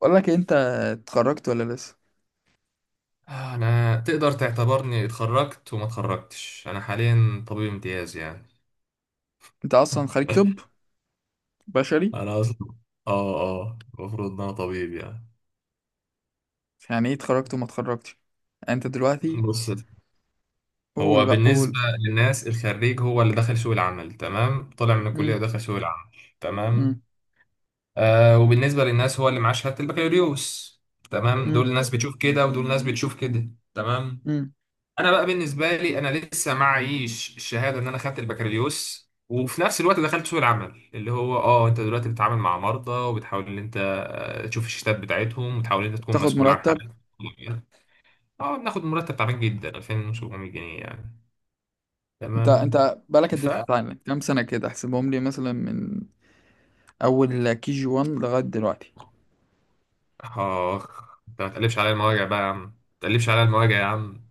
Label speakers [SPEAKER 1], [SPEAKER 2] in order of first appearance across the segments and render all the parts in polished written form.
[SPEAKER 1] بقول لك إيه، انت اتخرجت ولا لسه؟
[SPEAKER 2] انا تقدر تعتبرني اتخرجت وما اتخرجتش، انا حاليا طبيب امتياز يعني.
[SPEAKER 1] انت اصلا خريج طب بشري؟
[SPEAKER 2] انا اصلا، اه المفروض ان انا طبيب يعني.
[SPEAKER 1] يعني ايه اتخرجت وما اتخرجتش؟ يعني انت دلوقتي؟
[SPEAKER 2] بص،
[SPEAKER 1] قول
[SPEAKER 2] هو
[SPEAKER 1] بقى قول.
[SPEAKER 2] بالنسبه للناس الخريج هو اللي دخل سوق العمل، تمام، طلع من الكليه
[SPEAKER 1] مم.
[SPEAKER 2] ودخل سوق العمل. تمام.
[SPEAKER 1] مم.
[SPEAKER 2] وبالنسبه للناس هو اللي معاه شهاده البكالوريوس. تمام،
[SPEAKER 1] مم.
[SPEAKER 2] دول ناس بتشوف كده ودول ناس بتشوف كده. تمام.
[SPEAKER 1] مم.
[SPEAKER 2] انا بقى بالنسبه لي، انا لسه معيش الشهاده ان انا خدت البكالوريوس وفي نفس الوقت دخلت سوق العمل، اللي هو انت دلوقتي بتتعامل مع مرضى وبتحاول ان انت تشوف الشتات بتاعتهم وتحاول ان انت تكون
[SPEAKER 1] تاخد
[SPEAKER 2] مسؤول عن
[SPEAKER 1] مرتب.
[SPEAKER 2] حالات. اه، بناخد مرتب تعبان جدا، 2700 جنيه يعني.
[SPEAKER 1] انت
[SPEAKER 2] تمام.
[SPEAKER 1] انت بقالك قد
[SPEAKER 2] ف
[SPEAKER 1] ايه بتتعلم كام سنه؟ كده احسبهم لي مثلا من اول كي جي 1 لغايه دلوقتي.
[SPEAKER 2] اخ، انت ما تقلبش عليا المواجع بقى يا عم، ما تقلبش عليا المواجع يا عم.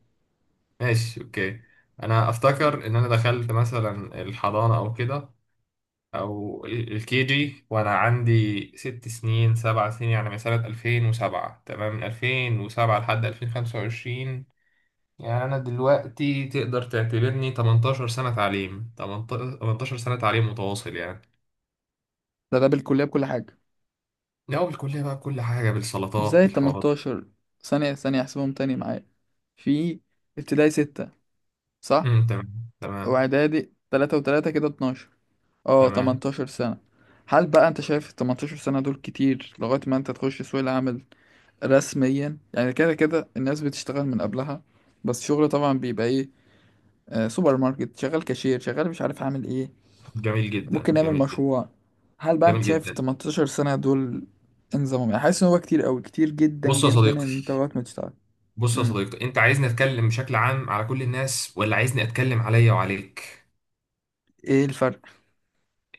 [SPEAKER 2] ماشي، اوكي. انا افتكر ان انا دخلت مثلا الحضانه او كده، او الكي جي، وانا عندي 6 سنين 7 سنين يعني، من سنة 2007. تمام، من 2007 لحد 2025. يعني انا دلوقتي تقدر تعتبرني 18 سنة تعليم، 18 سنة تعليم متواصل يعني.
[SPEAKER 1] ده بالكليه بكل حاجه؟
[SPEAKER 2] لا، بالكلية بقى، بكل حاجة، بالسلطات،
[SPEAKER 1] ازاي
[SPEAKER 2] بالحوارات.
[SPEAKER 1] 18؟ ثانيه ثانيه، احسبهم تاني معايا. في ابتدائي 6، صح؟
[SPEAKER 2] امم، تمام تمام.
[SPEAKER 1] واعدادي 3 و3، كده 12. اه
[SPEAKER 2] تمام.
[SPEAKER 1] 18 سنة. هل بقى انت شايف ال 18 سنة دول كتير لغاية ما انت تخش سوق العمل رسميا؟ يعني كده كده الناس بتشتغل من قبلها، بس شغل طبعا بيبقى ايه؟ سوبر ماركت، شغال كاشير، شغال مش عارف عامل ايه.
[SPEAKER 2] جميل جدا،
[SPEAKER 1] ممكن نعمل
[SPEAKER 2] جميل جدا.
[SPEAKER 1] مشروع. هل بقى انت
[SPEAKER 2] جميل
[SPEAKER 1] شايف ال
[SPEAKER 2] جدا.
[SPEAKER 1] 18 سنة دول انظمهم؟ يعني حاسس ان هو كتير قوي، كتير جدا
[SPEAKER 2] بص يا
[SPEAKER 1] جدا، ان
[SPEAKER 2] صديقي،
[SPEAKER 1] انت لغاية ما تشتغل؟
[SPEAKER 2] بص يا
[SPEAKER 1] امم.
[SPEAKER 2] صديقي، انت عايزني اتكلم بشكل عام على كل الناس، ولا عايزني اتكلم عليا وعليك؟
[SPEAKER 1] ايه الفرق؟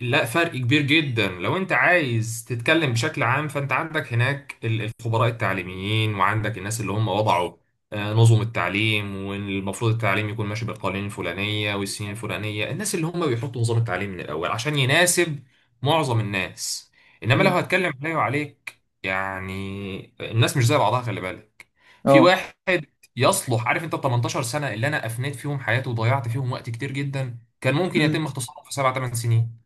[SPEAKER 2] لا، فرق كبير جدا. لو انت عايز تتكلم بشكل عام، فانت عندك هناك الخبراء التعليميين، وعندك الناس اللي هم وضعوا نظم التعليم، والمفروض التعليم يكون ماشي بالقوانين الفلانية والسنين الفلانية. الناس اللي هم بيحطوا نظام التعليم من الأول عشان يناسب معظم الناس. إنما لو
[SPEAKER 1] امم.
[SPEAKER 2] هتكلم عليه وعليك، يعني الناس مش زي بعضها، خلي بالك. في
[SPEAKER 1] اه.
[SPEAKER 2] واحد يصلح، عارف، انت 18 سنة اللي انا افنيت فيهم حياتي وضيعت فيهم وقت كتير جدا كان ممكن
[SPEAKER 1] امم.
[SPEAKER 2] يتم اختصاره في 7 8 سنين،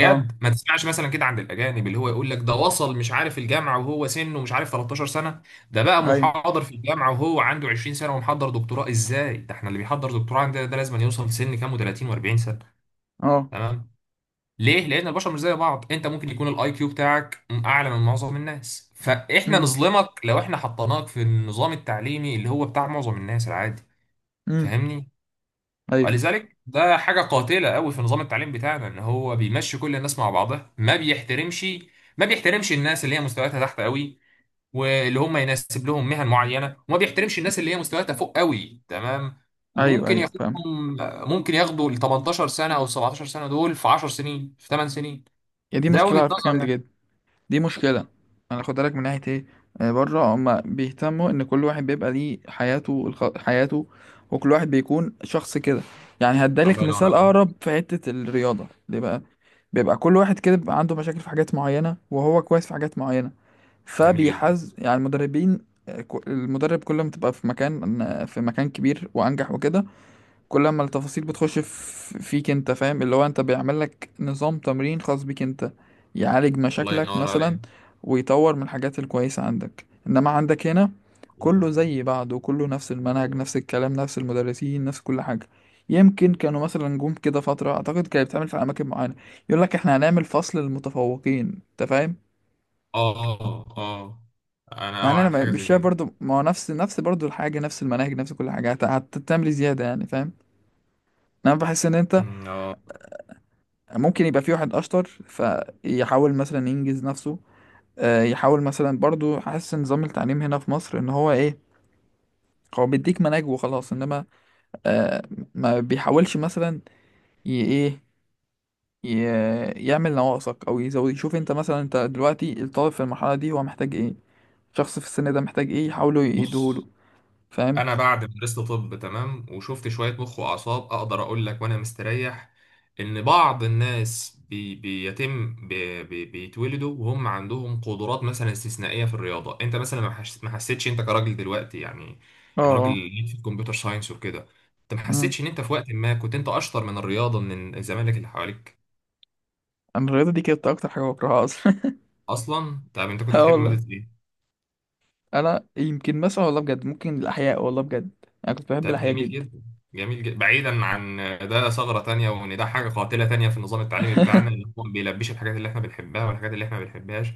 [SPEAKER 1] اه.
[SPEAKER 2] ما تسمعش مثلا كده عند الاجانب، اللي هو يقول لك ده وصل، مش عارف، الجامعه وهو سنه، مش عارف، 13 سنه. ده بقى
[SPEAKER 1] ايوه.
[SPEAKER 2] محاضر في الجامعه وهو عنده 20 سنه، ومحضر دكتوراه. ازاي؟ ده احنا اللي بيحضر دكتوراه عندنا ده لازم يوصل في سن كام، و30 و40 سنه.
[SPEAKER 1] اه.
[SPEAKER 2] تمام. ليه؟ لان البشر مش زي بعض. انت ممكن يكون الاي كيو بتاعك اعلى من معظم الناس، فاحنا
[SPEAKER 1] امم.
[SPEAKER 2] نظلمك لو احنا حطيناك في النظام التعليمي اللي هو بتاع معظم الناس العادي.
[SPEAKER 1] امم.
[SPEAKER 2] فاهمني؟
[SPEAKER 1] ايوه.
[SPEAKER 2] ولذلك ده حاجة قاتلة قوي في نظام التعليم بتاعنا، ان هو بيمشي كل الناس مع بعضها. ما بيحترمش، ما بيحترمش الناس اللي هي مستوياتها تحت قوي، واللي هم يناسب لهم مهن معينة، وما بيحترمش الناس اللي هي مستوياتها فوق قوي، تمام،
[SPEAKER 1] ايوه.
[SPEAKER 2] وممكن
[SPEAKER 1] ايوه فاهم.
[SPEAKER 2] ياخدهم، ممكن ياخدوا ال 18 سنة او 17 سنة دول في 10 سنين، في 8 سنين.
[SPEAKER 1] يا دي
[SPEAKER 2] ده
[SPEAKER 1] مشكلة
[SPEAKER 2] وجهة
[SPEAKER 1] على فكرة
[SPEAKER 2] نظر
[SPEAKER 1] جامدة
[SPEAKER 2] يعني.
[SPEAKER 1] جدا، دي مشكلة. انا خد بالك من ناحية ايه. بره هما بيهتموا ان كل واحد بيبقى ليه حياته، حياته، وكل واحد بيكون شخص كده. يعني هدالك
[SPEAKER 2] الله ينور
[SPEAKER 1] مثال
[SPEAKER 2] عليك.
[SPEAKER 1] اقرب في حتة الرياضة، ليه بقى؟ بيبقى كل واحد كده بيبقى عنده مشاكل في حاجات معينة وهو كويس في حاجات معينة،
[SPEAKER 2] جميل جدا.
[SPEAKER 1] فبيحز يعني المدربين. المدرب كل ما تبقى في مكان، في مكان كبير وانجح وكده، كل ما التفاصيل بتخش فيك انت، فاهم؟ اللي هو انت بيعمل لك نظام تمرين خاص بيك انت، يعالج
[SPEAKER 2] الله
[SPEAKER 1] مشاكلك
[SPEAKER 2] ينور
[SPEAKER 1] مثلا
[SPEAKER 2] عليك.
[SPEAKER 1] ويطور من الحاجات الكويسة عندك. انما عندك هنا
[SPEAKER 2] الله
[SPEAKER 1] كله
[SPEAKER 2] ينور.
[SPEAKER 1] زي بعضه، كله نفس المنهج نفس الكلام نفس المدرسين نفس كل حاجة. يمكن كانوا مثلا جم كده فترة، اعتقد كانت بتعمل في اماكن معينة، يقول لك احنا هنعمل فصل للمتفوقين، انت فاهم؟
[SPEAKER 2] اه اه اه، انا
[SPEAKER 1] يعني
[SPEAKER 2] اوعى
[SPEAKER 1] انا
[SPEAKER 2] عن حاجة
[SPEAKER 1] مش
[SPEAKER 2] زي
[SPEAKER 1] شايف
[SPEAKER 2] كده.
[SPEAKER 1] برضو، ما هو نفس برضو الحاجة، نفس المناهج نفس كل حاجة، هتعمل إيه زيادة يعني، فاهم؟ انا بحس ان انت
[SPEAKER 2] أمم، اه.
[SPEAKER 1] ممكن يبقى في واحد اشطر فيحاول مثلا ينجز نفسه، يحاول مثلا برضو حاسس ان نظام التعليم هنا في مصر ان هو ايه، هو بيديك مناهج وخلاص. انما آه، ما بيحاولش مثلا ي- ايه يعمل نواقصك او يزود، يشوف انت مثلا انت دلوقتي الطالب في المرحله دي هو محتاج ايه، الشخص في السن ده محتاج ايه يحاولوا يديهوله.
[SPEAKER 2] بص،
[SPEAKER 1] فاهم؟
[SPEAKER 2] انا بعد ما درست طب، تمام، وشفت شويه مخ واعصاب، اقدر اقول لك وانا مستريح ان بعض الناس بي بيتم بي بي بيتولدوا وهم عندهم قدرات مثلا استثنائيه في الرياضه. انت مثلا ما حسيتش انت كراجل دلوقتي يعني.
[SPEAKER 1] اه.
[SPEAKER 2] انا راجل
[SPEAKER 1] اه.
[SPEAKER 2] ليك في الكمبيوتر ساينس وكده. انت ما
[SPEAKER 1] امم.
[SPEAKER 2] حسيتش ان انت في وقت ما كنت انت اشطر من الرياضه، من الزمالك اللي حواليك؟
[SPEAKER 1] انا الرياضه دي كانت اكتر حاجه بكرهها اصلا.
[SPEAKER 2] اصلا طب انت كنت
[SPEAKER 1] اه
[SPEAKER 2] بتحب
[SPEAKER 1] والله.
[SPEAKER 2] ماده ايه؟
[SPEAKER 1] انا يمكن مثلا والله بجد ممكن الاحياء، والله بجد انا كنت بحب
[SPEAKER 2] طب
[SPEAKER 1] الاحياء
[SPEAKER 2] جميل
[SPEAKER 1] جدا.
[SPEAKER 2] جدا، جميل جدا. بعيدا عن ده، ثغرة تانية، وان ده حاجة قاتلة تانية في النظام التعليمي بتاعنا، ان هو ما بيلبيش الحاجات اللي احنا بنحبها والحاجات اللي احنا ما بنحبهاش.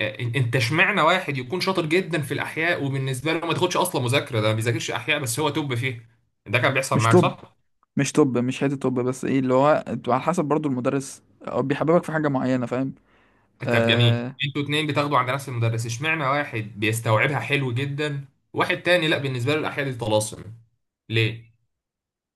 [SPEAKER 2] انت اشمعنى واحد يكون شاطر جدا في الاحياء وبالنسبة له ما تاخدش اصلا مذاكرة، ده ما بيذاكرش احياء بس هو توب فيه. ده كان بيحصل
[SPEAKER 1] مش
[SPEAKER 2] معاك،
[SPEAKER 1] طب،
[SPEAKER 2] صح؟
[SPEAKER 1] مش طب مش حته طب، بس ايه اللي هو انتوا على حسب برضو المدرس، هو بيحببك في حاجه معينه، فاهم؟
[SPEAKER 2] طب جميل،
[SPEAKER 1] آه...
[SPEAKER 2] انتوا اتنين بتاخدوا عند نفس المدرس، اشمعنى واحد بيستوعبها حلو جدا، واحد تاني لا، بالنسبة له الاحياء دي طلاسم. ليه؟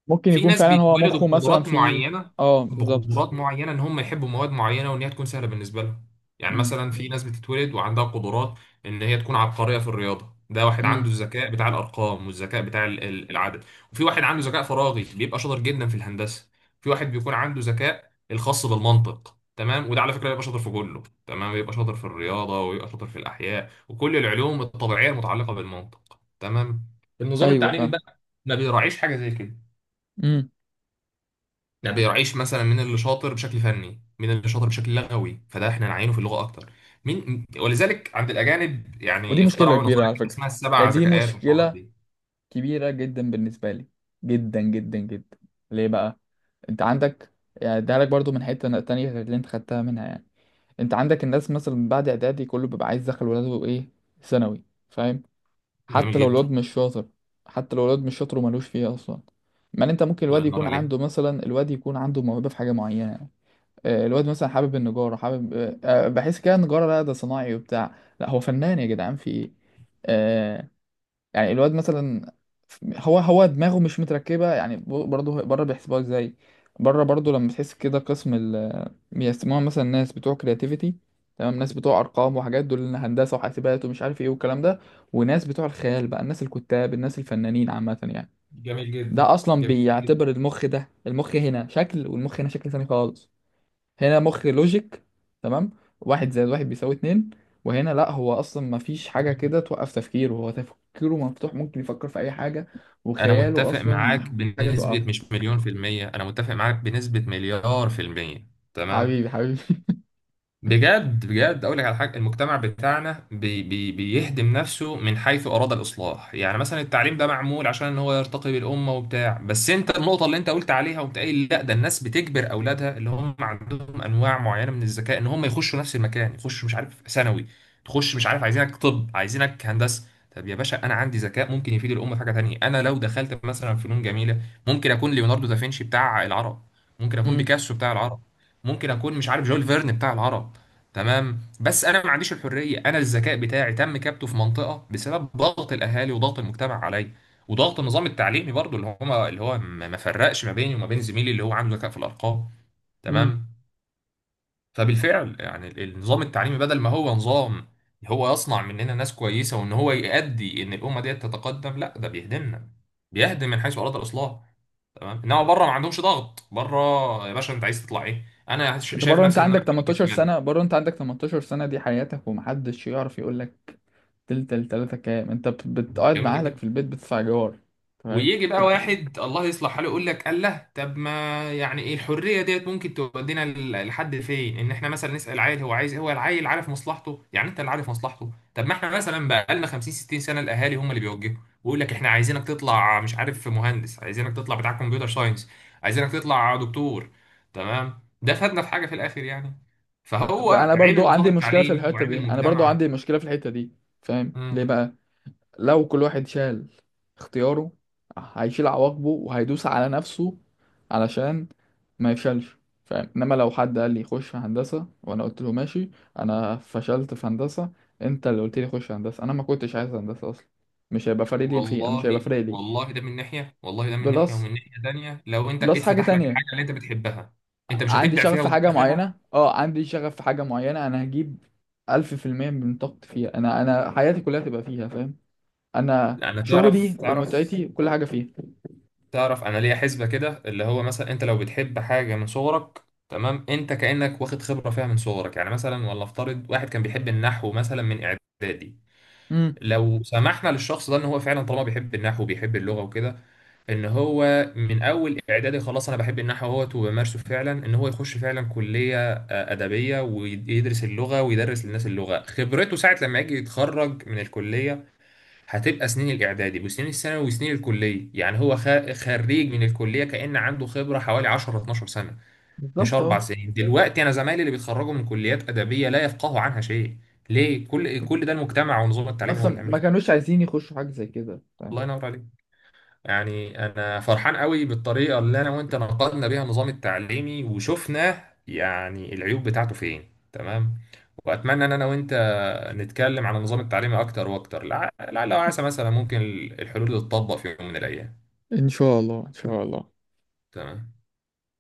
[SPEAKER 1] ممكن
[SPEAKER 2] في
[SPEAKER 1] يكون
[SPEAKER 2] ناس
[SPEAKER 1] فعلا هو
[SPEAKER 2] بيتولدوا
[SPEAKER 1] مخه مثلا
[SPEAKER 2] بقدرات
[SPEAKER 1] في.
[SPEAKER 2] معينه،
[SPEAKER 1] اه بالظبط.
[SPEAKER 2] بقدرات معينه ان هم يحبوا مواد معينه وان هي تكون سهله بالنسبه لهم. يعني
[SPEAKER 1] مم.
[SPEAKER 2] مثلا في ناس بتتولد وعندها قدرات ان هي تكون عبقريه في الرياضه. ده واحد
[SPEAKER 1] امم.
[SPEAKER 2] عنده الذكاء بتاع الارقام والذكاء بتاع العدد. وفي واحد عنده ذكاء فراغي بيبقى شاطر جدا في الهندسه. في واحد بيكون عنده ذكاء الخاص بالمنطق، تمام، وده على فكره بيبقى شاطر في كله. تمام، بيبقى شاطر في الرياضه ويبقى شاطر في الاحياء وكل العلوم الطبيعيه المتعلقه بالمنطق. تمام. النظام
[SPEAKER 1] ايوه
[SPEAKER 2] التعليمي
[SPEAKER 1] فاهم.
[SPEAKER 2] بقى ما بيراعيش حاجه زي كده.
[SPEAKER 1] امم.
[SPEAKER 2] لا بيراعيش مثلا مين اللي شاطر بشكل فني، مين اللي شاطر بشكل لغوي فده احنا نعينه في اللغه اكتر، مين. ولذلك عند الاجانب
[SPEAKER 1] ودي
[SPEAKER 2] يعني
[SPEAKER 1] مشكلة
[SPEAKER 2] اخترعوا
[SPEAKER 1] كبيرة
[SPEAKER 2] نظريه
[SPEAKER 1] على
[SPEAKER 2] كده
[SPEAKER 1] فكرة.
[SPEAKER 2] اسمها السبع
[SPEAKER 1] يعني دي
[SPEAKER 2] ذكاءات والحوارات
[SPEAKER 1] مشكلة
[SPEAKER 2] دي.
[SPEAKER 1] كبيرة جدا بالنسبة لي، جدا جدا جدا. ليه بقى؟ انت عندك يعني ده لك برضو من حتة تانية غير اللي انت خدتها منها يعني. انت عندك الناس مثلا بعد اعدادي كله بيبقى عايز يدخل ولاده ايه؟ ثانوي. فاهم؟
[SPEAKER 2] جميل
[SPEAKER 1] حتى لو
[SPEAKER 2] جدا.
[SPEAKER 1] الواد مش شاطر، حتى لو الواد مش شاطر وملوش فيه اصلا. ما انت ممكن
[SPEAKER 2] الله
[SPEAKER 1] الواد
[SPEAKER 2] ينور
[SPEAKER 1] يكون
[SPEAKER 2] عليك.
[SPEAKER 1] عنده مثلا، الواد يكون عنده موهبه في حاجه معينه. الواد مثلا حابب النجاره، حابب، بحس كده النجاره لا ده صناعي وبتاع، لا هو فنان يا جدعان في ايه. آه، يعني الواد مثلا هو دماغه مش متركبة يعني، برضه بره بيحسبوها ازاي؟ بره برضه لما تحس كده قسم ال، بيسموها مثلا ناس بتوع كرياتيفيتي، تمام، ناس بتوع ارقام وحاجات دول إن هندسة وحاسبات ومش عارف ايه والكلام ده، وناس بتوع الخيال بقى الناس الكتاب الناس الفنانين عامة يعني.
[SPEAKER 2] جميل جدا.
[SPEAKER 1] ده اصلا
[SPEAKER 2] جميل
[SPEAKER 1] بيعتبر المخ، ده المخ هنا شكل والمخ هنا شكل تاني خالص. هنا مخ لوجيك، تمام، واحد زائد واحد بيساوي اتنين. وهنا لا هو اصلا ما فيش حاجه
[SPEAKER 2] جدا.
[SPEAKER 1] كده توقف تفكيره، هو تفكيره مفتوح ممكن يفكر في اي حاجه،
[SPEAKER 2] انا
[SPEAKER 1] وخياله
[SPEAKER 2] متفق
[SPEAKER 1] اصلا ما
[SPEAKER 2] معاك
[SPEAKER 1] فيش حاجه
[SPEAKER 2] بنسبه
[SPEAKER 1] توقفه.
[SPEAKER 2] مش مليون في الميه، انا متفق معاك بنسبه مليار في الميه. تمام.
[SPEAKER 1] حبيبي حبيبي
[SPEAKER 2] بجد بجد، اقول لك على حاجه. المجتمع بتاعنا بي بي بيهدم نفسه من حيث اراد الاصلاح. يعني مثلا التعليم ده معمول عشان ان هو يرتقي بالامه وبتاع، بس انت النقطه اللي انت قلت عليها وقمت قايل، لا، ده الناس بتجبر اولادها اللي هم عندهم انواع معينه من الذكاء ان هم يخشوا نفس المكان، يخشوا، مش عارف، ثانوي. تخش، مش عارف، عايزينك طب، عايزينك هندسه. طب يا باشا، انا عندي ذكاء ممكن يفيد الامه في حاجه تانيه. انا لو دخلت مثلا فنون جميله، ممكن اكون ليوناردو دافنشي بتاع العرب، ممكن اكون
[SPEAKER 1] امم.
[SPEAKER 2] بيكاسو بتاع العرب، ممكن اكون، مش عارف، جول فيرن بتاع العرب. تمام. بس انا ما عنديش الحريه. انا الذكاء بتاعي تم كبته في منطقه بسبب ضغط الاهالي وضغط المجتمع عليا وضغط النظام التعليمي برضو، اللي هو ما فرقش ما بيني وما بين زميلي اللي هو عنده ذكاء في الارقام.
[SPEAKER 1] امم.
[SPEAKER 2] تمام. فبالفعل يعني النظام التعليمي، بدل ما هو نظام هو يصنع مننا ناس كويسه وان هو يؤدي ان الامه ديت تتقدم، لا، ده بيهدمنا. بيهدم من حيث اراد الاصلاح. تمام. انما بره ما عندهمش ضغط. بره، يا باشا انت عايز تطلع ايه؟ انا
[SPEAKER 1] انت
[SPEAKER 2] شايف
[SPEAKER 1] بره انت
[SPEAKER 2] نفسي ان انا
[SPEAKER 1] عندك 18
[SPEAKER 2] جميله
[SPEAKER 1] سنه، بره انت عندك 18 سنه دي حياتك، ومحدش يعرف يقول لك تلاتة كام. انت بتقعد مع اهلك في
[SPEAKER 2] جدا،
[SPEAKER 1] البيت بتدفع جوار؟ تمام.
[SPEAKER 2] ويجي بقى واحد الله يصلح حاله يقول لك الله، طب ما. يعني ايه الحريه ديت ممكن تودينا لحد فين؟ ان احنا مثلا نسال عيل هو عايز، هو العيل عارف مصلحته يعني؟ انت اللي عارف مصلحته، طب ما احنا مثلا بقى لنا 50 60 سنه، الاهالي هم اللي بيوجهوا، ويقول لك احنا عايزينك تطلع، مش عارف، مهندس، عايزينك تطلع بتاع كمبيوتر ساينس، عايزينك تطلع دكتور. تمام. ده فادنا في حاجه في الاخر يعني؟ فهو
[SPEAKER 1] انا
[SPEAKER 2] عيب
[SPEAKER 1] برضو
[SPEAKER 2] النظام
[SPEAKER 1] عندي مشكله في
[SPEAKER 2] التعليمي
[SPEAKER 1] الحته
[SPEAKER 2] وعيب
[SPEAKER 1] دي، انا برضو
[SPEAKER 2] المجتمع.
[SPEAKER 1] عندي مشكله في الحته دي. فاهم ليه بقى؟ لو كل واحد شال اختياره، هيشيل عواقبه وهيدوس على نفسه علشان ما يفشلش. فاهم؟ انما لو حد قال لي خش في هندسة وانا قلت له ماشي، انا فشلت في هندسة، انت اللي قلت لي خش هندسة، انا ما كنتش عايز هندسة اصلا. مش هيبقى فارق لي مش هيبقى
[SPEAKER 2] والله
[SPEAKER 1] فارق لي.
[SPEAKER 2] والله ده من ناحية، والله ده من ناحية،
[SPEAKER 1] بلس،
[SPEAKER 2] ومن ناحية تانية لو انت
[SPEAKER 1] بلس حاجة
[SPEAKER 2] اتفتح لك
[SPEAKER 1] تانية.
[SPEAKER 2] الحاجة اللي انت بتحبها، انت مش
[SPEAKER 1] عندي
[SPEAKER 2] هتبدع
[SPEAKER 1] شغف
[SPEAKER 2] فيها
[SPEAKER 1] في
[SPEAKER 2] وتجيب
[SPEAKER 1] حاجة
[SPEAKER 2] اخرها.
[SPEAKER 1] معينة، اه عندي شغف في حاجة معينة، انا هجيب 100% من طاقتي فيها. انا حياتي كلها تبقى فيها، فاهم؟ انا
[SPEAKER 2] انا تعرف
[SPEAKER 1] شغلي
[SPEAKER 2] تعرف
[SPEAKER 1] ومتعتي وكل حاجة فيها.
[SPEAKER 2] تعرف، انا ليا حسبة كده، اللي هو مثلا انت لو بتحب حاجة من صغرك، تمام، انت كأنك واخد خبرة فيها من صغرك. يعني مثلا، ولا افترض واحد كان بيحب النحو مثلا من اعدادي،
[SPEAKER 1] مم.
[SPEAKER 2] لو سمحنا للشخص ده، ان هو فعلا طالما بيحب النحو وبيحب اللغه وكده، ان هو من اول اعدادي خلاص انا بحب النحو اهوت وبمارسه فعلا، ان هو يخش فعلا كليه ادبيه ويدرس اللغه ويدرس للناس اللغه، خبرته ساعه لما يجي يتخرج من الكليه هتبقى سنين الاعدادي وسنين الثانوي وسنين الكليه. يعني هو خريج من الكليه كان عنده خبره حوالي 10 12 سنه، مش
[SPEAKER 1] بالظبط
[SPEAKER 2] اربع
[SPEAKER 1] اه.
[SPEAKER 2] سنين دلوقتي انا زمايلي اللي بيتخرجوا من كليات ادبيه لا يفقهوا عنها شيء. ليه؟ كل
[SPEAKER 1] بالظبط
[SPEAKER 2] ده المجتمع ونظام التعليم هو اللي
[SPEAKER 1] اصلا
[SPEAKER 2] عامل.
[SPEAKER 1] ما كانوش عايزين يخشوا حاجه زي كده، فاهم؟
[SPEAKER 2] الله ينور عليك. يعني انا فرحان قوي بالطريقه اللي انا وانت نقدنا بيها النظام التعليمي وشفنا يعني العيوب بتاعته فين. تمام. واتمنى ان انا وانت نتكلم عن النظام التعليمي اكتر واكتر، لعل وعسى مثلا ممكن الحلول تتطبق في يوم من الايام.
[SPEAKER 1] ان شاء الله ان شاء الله.
[SPEAKER 2] تمام.